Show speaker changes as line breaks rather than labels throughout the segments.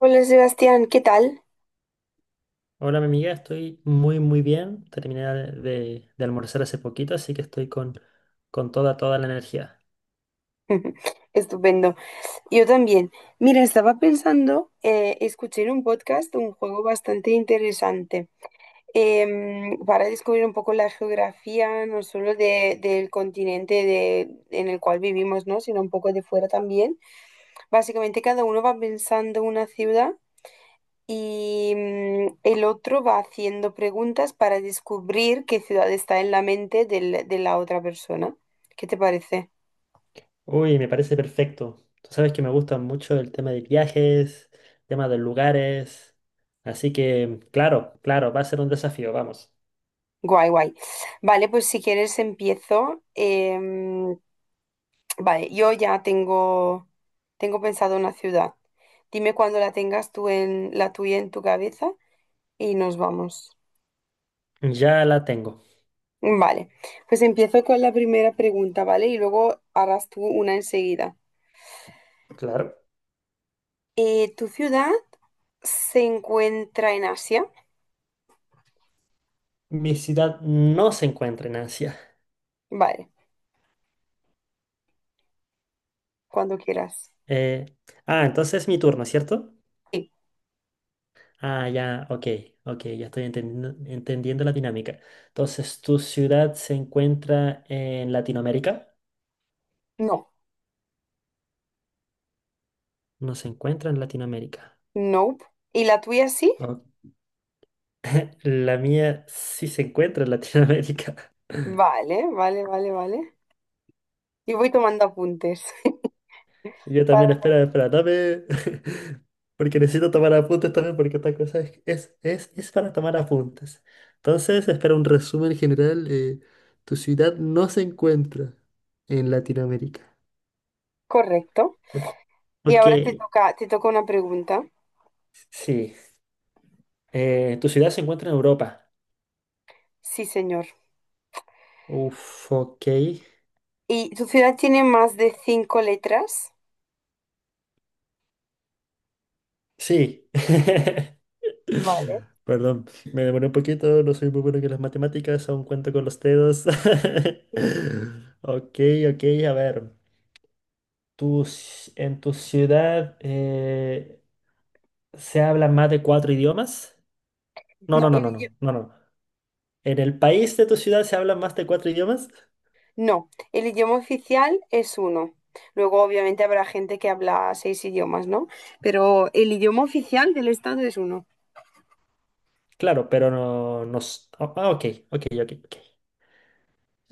Hola Sebastián, ¿qué tal?
Hola, mi amiga, estoy muy, muy bien. Terminé de almorzar hace poquito, así que estoy con toda la energía.
Estupendo. Yo también. Mira, estaba pensando, escuché en un podcast un juego bastante interesante para descubrir un poco la geografía, no solo del continente en el cual vivimos, ¿no? Sino un poco de fuera también. Básicamente cada uno va pensando una ciudad y el otro va haciendo preguntas para descubrir qué ciudad está en la mente de la otra persona. ¿Qué te parece?
Uy, me parece perfecto. Tú sabes que me gusta mucho el tema de viajes, tema de lugares. Así que, claro, claro, va a ser un desafío, vamos.
Guay, guay. Vale, pues si quieres empiezo. Vale, yo ya tengo, tengo pensado una ciudad. Dime cuando la tengas tú en la tuya en tu cabeza y nos vamos.
Ya la tengo.
Vale, pues empiezo con la primera pregunta, ¿vale? Y luego harás tú una enseguida.
Claro.
¿Tu ciudad se encuentra en Asia?
Mi ciudad no se encuentra en Asia.
Vale, cuando quieras.
Eh, entonces es mi turno, ¿cierto?
Sí.
Ya, ok, ok, ya estoy entendiendo la dinámica. Entonces, ¿tu ciudad se encuentra en Latinoamérica?
No.
No se encuentra en Latinoamérica.
Nope. ¿Y la tuya sí?
Ok. La mía sí se encuentra en Latinoamérica.
Vale, vale, vale, vale. Yo voy tomando apuntes.
Yo también,
Para-
espera, espera, dame. Porque necesito tomar apuntes también, porque esta cosa es para tomar apuntes. Entonces, espera un resumen general. Tu ciudad no se encuentra en Latinoamérica.
correcto. Y
Ok,
ahora te toca una pregunta.
sí. Tu ciudad se encuentra en Europa.
Sí, señor.
Uf, ok.
¿Y tu ciudad tiene más de 5 letras?
Sí.
Vale.
Perdón, me demoré un poquito, no soy muy bueno con las matemáticas, aún cuento con los dedos. Ok, ok, a ver. En tu ciudad se hablan más de cuatro idiomas? No,
No,
no, no,
el,
no,
idi-
no, no, no. ¿En el país de tu ciudad se hablan más de cuatro idiomas?
no, el idioma oficial es uno. Luego, obviamente, habrá gente que habla seis idiomas, ¿no? Pero el idioma oficial del estado es uno.
Claro, pero no, no. s- oh, Ah, ok, ok, ok, ok.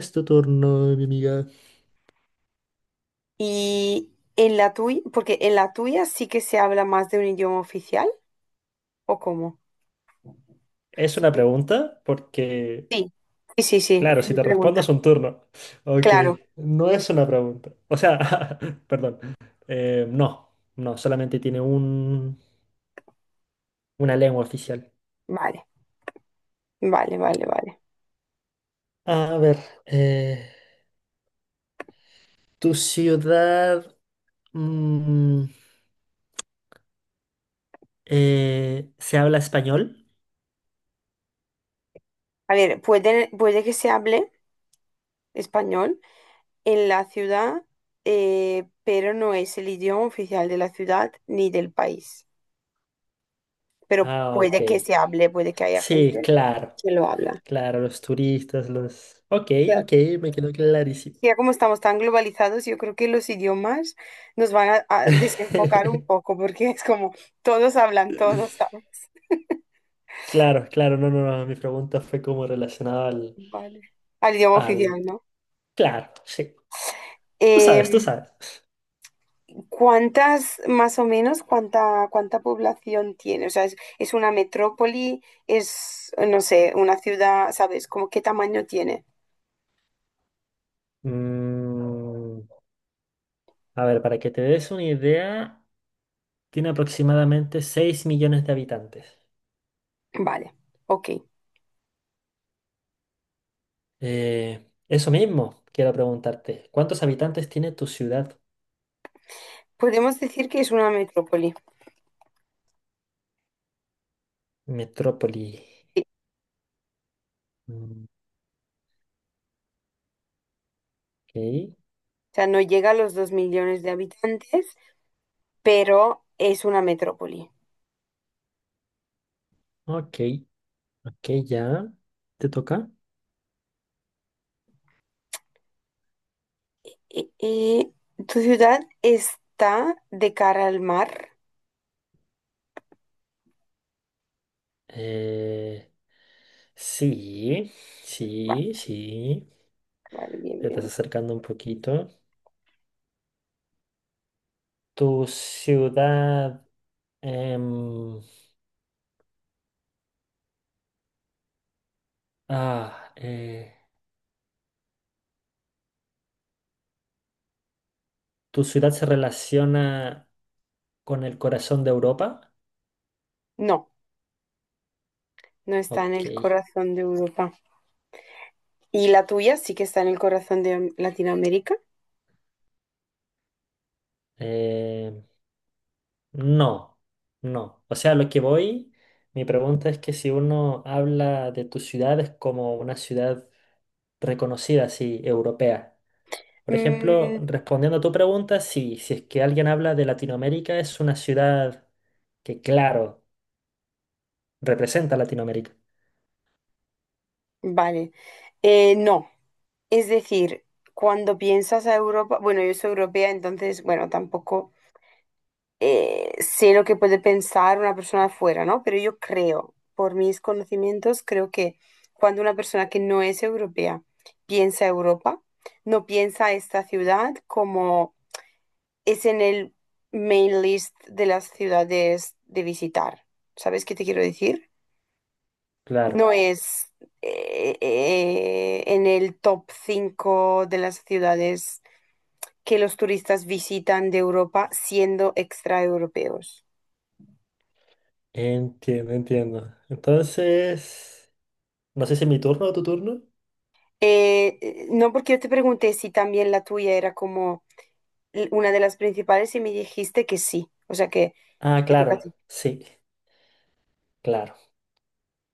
Es tu turno, mi amiga.
Y en la tuya, porque en la tuya sí que se habla más de un idioma oficial, ¿o cómo?
Es una
Sí,
pregunta porque,
sí, sí, sí, sí,
claro,
es
si
mi
te respondo es
pregunta.
un turno. Ok,
Claro,
no es una pregunta. O sea, perdón. No, no, solamente tiene una lengua oficial.
vale, vale, vale, vale.
A ver, eh, ¿tu ciudad mm, se habla español?
A ver, puede, puede que se hable español en la ciudad, pero no es el idioma oficial de la ciudad ni del país. Pero
Ah, ok.
puede que se hable, puede que haya
Sí,
gente
claro,
que lo habla.
claro, los turistas, los... Ok,
Ya,
ok, me quedó clarísimo.
ya como estamos tan globalizados, yo creo que los idiomas nos van a desenfocar un poco, porque es como todos hablan todos, ¿sabes?
Claro, claro, no, no, no, mi pregunta fue como relacionada al,
Vale. Al idioma
al...
oficial, ¿no?
Claro, sí, tú sabes, tú
Em,
sabes.
¿cuántas, más o menos, cuánta, cuánta población tiene? O sea, es una metrópoli? ¿Es, no sé, una ciudad? ¿Sabes? ¿Como qué tamaño tiene?
Mm, a ver, para que te des una idea, tiene aproximadamente 6.000.000 de habitantes.
Vale, ok.
Eso mismo, quiero preguntarte, ¿cuántos habitantes tiene tu ciudad,
Podemos decir que es una metrópoli.
metrópoli?
Sí.
Mm, Ok,
O sea, no llega a los 2 millones de habitantes, pero es una metrópoli.
ok, ok, ya, te toca.
Y tu ciudad está de cara al mar?
Eh, sí,
Vale,
sí, sí.
vale, bien,
Te estás
bien.
acercando un poquito. Tu ciudad. em, ah, eh, ¿Tu ciudad se relaciona con el corazón de Europa?
No, no está en
Ok.
el corazón de Europa. ¿Y la tuya sí que está en el corazón de Latinoamérica?
Em, no, no. O sea, a lo que voy, mi pregunta es que si uno habla de tu ciudad es como una ciudad reconocida, así, europea. Por ejemplo,
Mm,
respondiendo a tu pregunta, sí, si es que alguien habla de Latinoamérica, es una ciudad que, claro. Representa a Latinoamérica.
vale. No. Es decir, cuando piensas a Europa, bueno, yo soy europea, entonces, bueno, tampoco sé lo que puede pensar una persona de fuera, ¿no? Pero yo creo, por mis conocimientos, creo que cuando una persona que no es europea piensa Europa, no piensa esta ciudad como es en el main list de las ciudades de visitar. ¿Sabes qué te quiero decir? No
Claro,
es en el top 5 de las ciudades que los turistas visitan de Europa siendo extraeuropeos.
entiendo, entiendo. Entonces, no sé si es mi turno o tu turno.
No porque yo te pregunté si también la tuya era como una de las principales y me dijiste que sí, o sea que
Ah,
te toca a
claro,
ti.
sí, claro.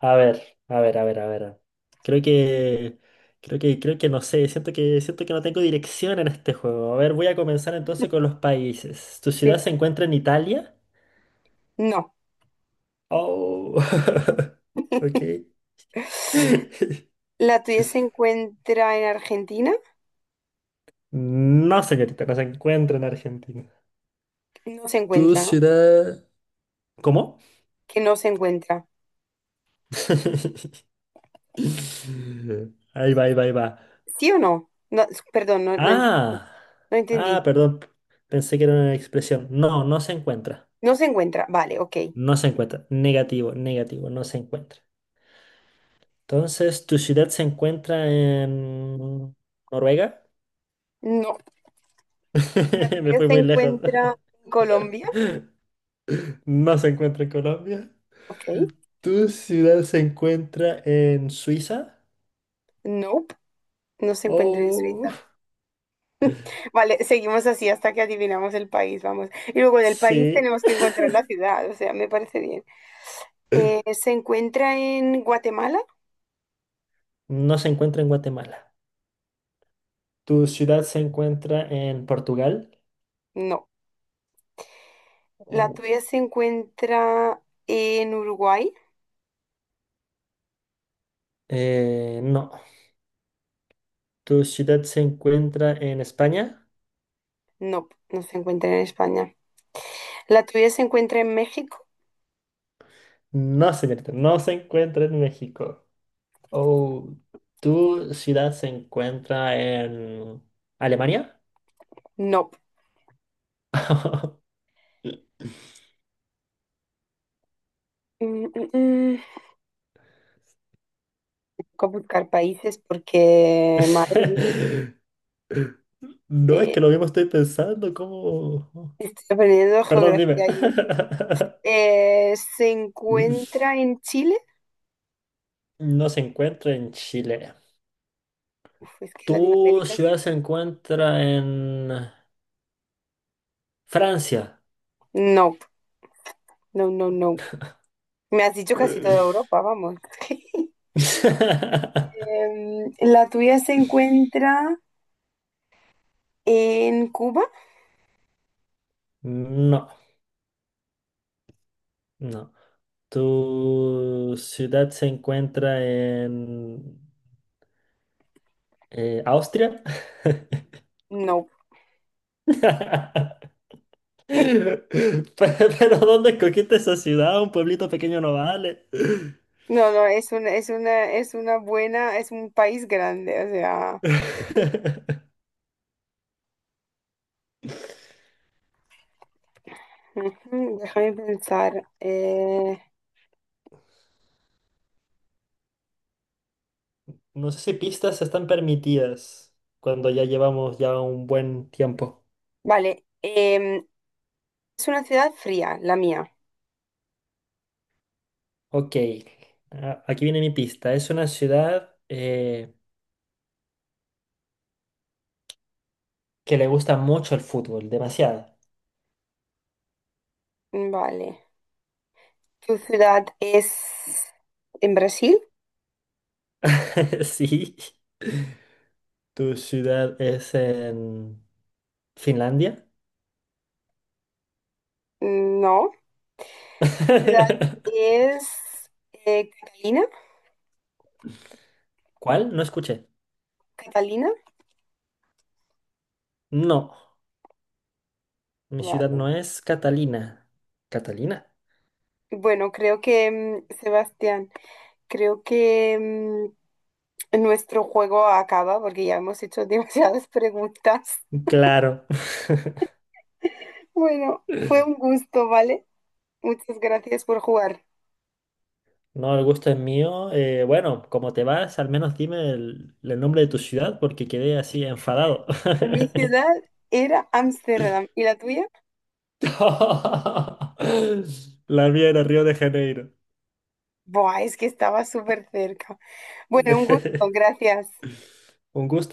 A ver, a ver, a ver, a ver. Creo que, Creo que no sé, siento que no tengo dirección en este juego. A ver, voy a comenzar entonces con los países. ¿Tu ciudad
Sí.
se encuentra en Italia?
No.
Oh, ok.
La tuya se encuentra en Argentina.
No, señorita, no se encuentra en Argentina.
No se
¿Tu
encuentra, ¿no?
ciudad... ¿Cómo?
Que no se encuentra.
Ahí va, ahí va, ahí va.
¿Sí o no? Perdón,
Ah,
no entendí.
Perdón. Pensé que era una expresión. No, no se encuentra.
No se encuentra. Vale, ok.
No se encuentra. Negativo, negativo, no se encuentra. Entonces, ¿tu ciudad se encuentra en Noruega?
No. ¿La
Me
tuya
fui
se
muy lejos.
encuentra en Colombia?
No se encuentra en Colombia.
Ok.
¿Tu ciudad se encuentra en Suiza?
Nope. No se encuentra en
Oh,
Suiza. Vale, seguimos así hasta que adivinamos el país, vamos. Y luego del país
sí.
tenemos que encontrar la ciudad, o sea, me parece bien. ¿Se encuentra en Guatemala?
No se encuentra en Guatemala. ¿Tu ciudad se encuentra en Portugal?
No. ¿La tuya
Uf.
se encuentra en Uruguay?
No. ¿Tu ciudad se encuentra en España?
No, no se encuentra en España. ¿La tuya se encuentra en México?
No, señorita, no se encuentra en México. Oh, ¿tu ciudad se encuentra en Alemania?
No. Mm, mm, mm. Tengo que buscar países porque, madre mía,
No, es
eh,
que lo mismo estoy pensando, ¿cómo?
estoy aprendiendo
Perdón, dime.
geografía yo aquí. ¿Se encuentra en Chile?
No se encuentra en Chile.
Uf, es que
¿Tu
Latinoamérica.
ciudad se encuentra en Francia?
No, no, no, no. Me has dicho casi toda Europa, vamos. ¿La tuya se encuentra en Cuba?
No, no. ¿Tu ciudad se encuentra en Austria?
No.
Pe- Pero, ¿dónde escogiste esa ciudad? Un pueblito pequeño no vale.
No, no, es una, es una, es una buena, es un país grande, o sea. ujú, déjame pensar.
No sé si pistas están permitidas cuando ya llevamos ya un buen tiempo.
Vale. Es una ciudad fría, la mía.
Ok, aquí viene mi pista. Es una ciudad que le gusta mucho el fútbol, demasiado.
Vale. ¿Tu ciudad es en Brasil?
Sí. ¿Tu ciudad es en Finlandia?
No. Ciudad es Catalina.
¿Cuál? No escuché.
Catalina.
No, mi ciudad
Vale.
no es Catalina. ¿Catalina?
Bueno, Sebastián, creo que nuestro juego acaba porque ya hemos hecho demasiadas preguntas.
Claro.
Bueno, fue un gusto, ¿vale? Muchas gracias por jugar.
No, el gusto es mío. Bueno, como te vas, al menos dime el nombre de tu ciudad porque quedé así enfadado.
Mi ciudad era Ámsterdam. ¿Y la tuya?
La mía era Río de Janeiro.
Buah, es que estaba súper cerca. Bueno, un gusto, gracias.
Un gusto.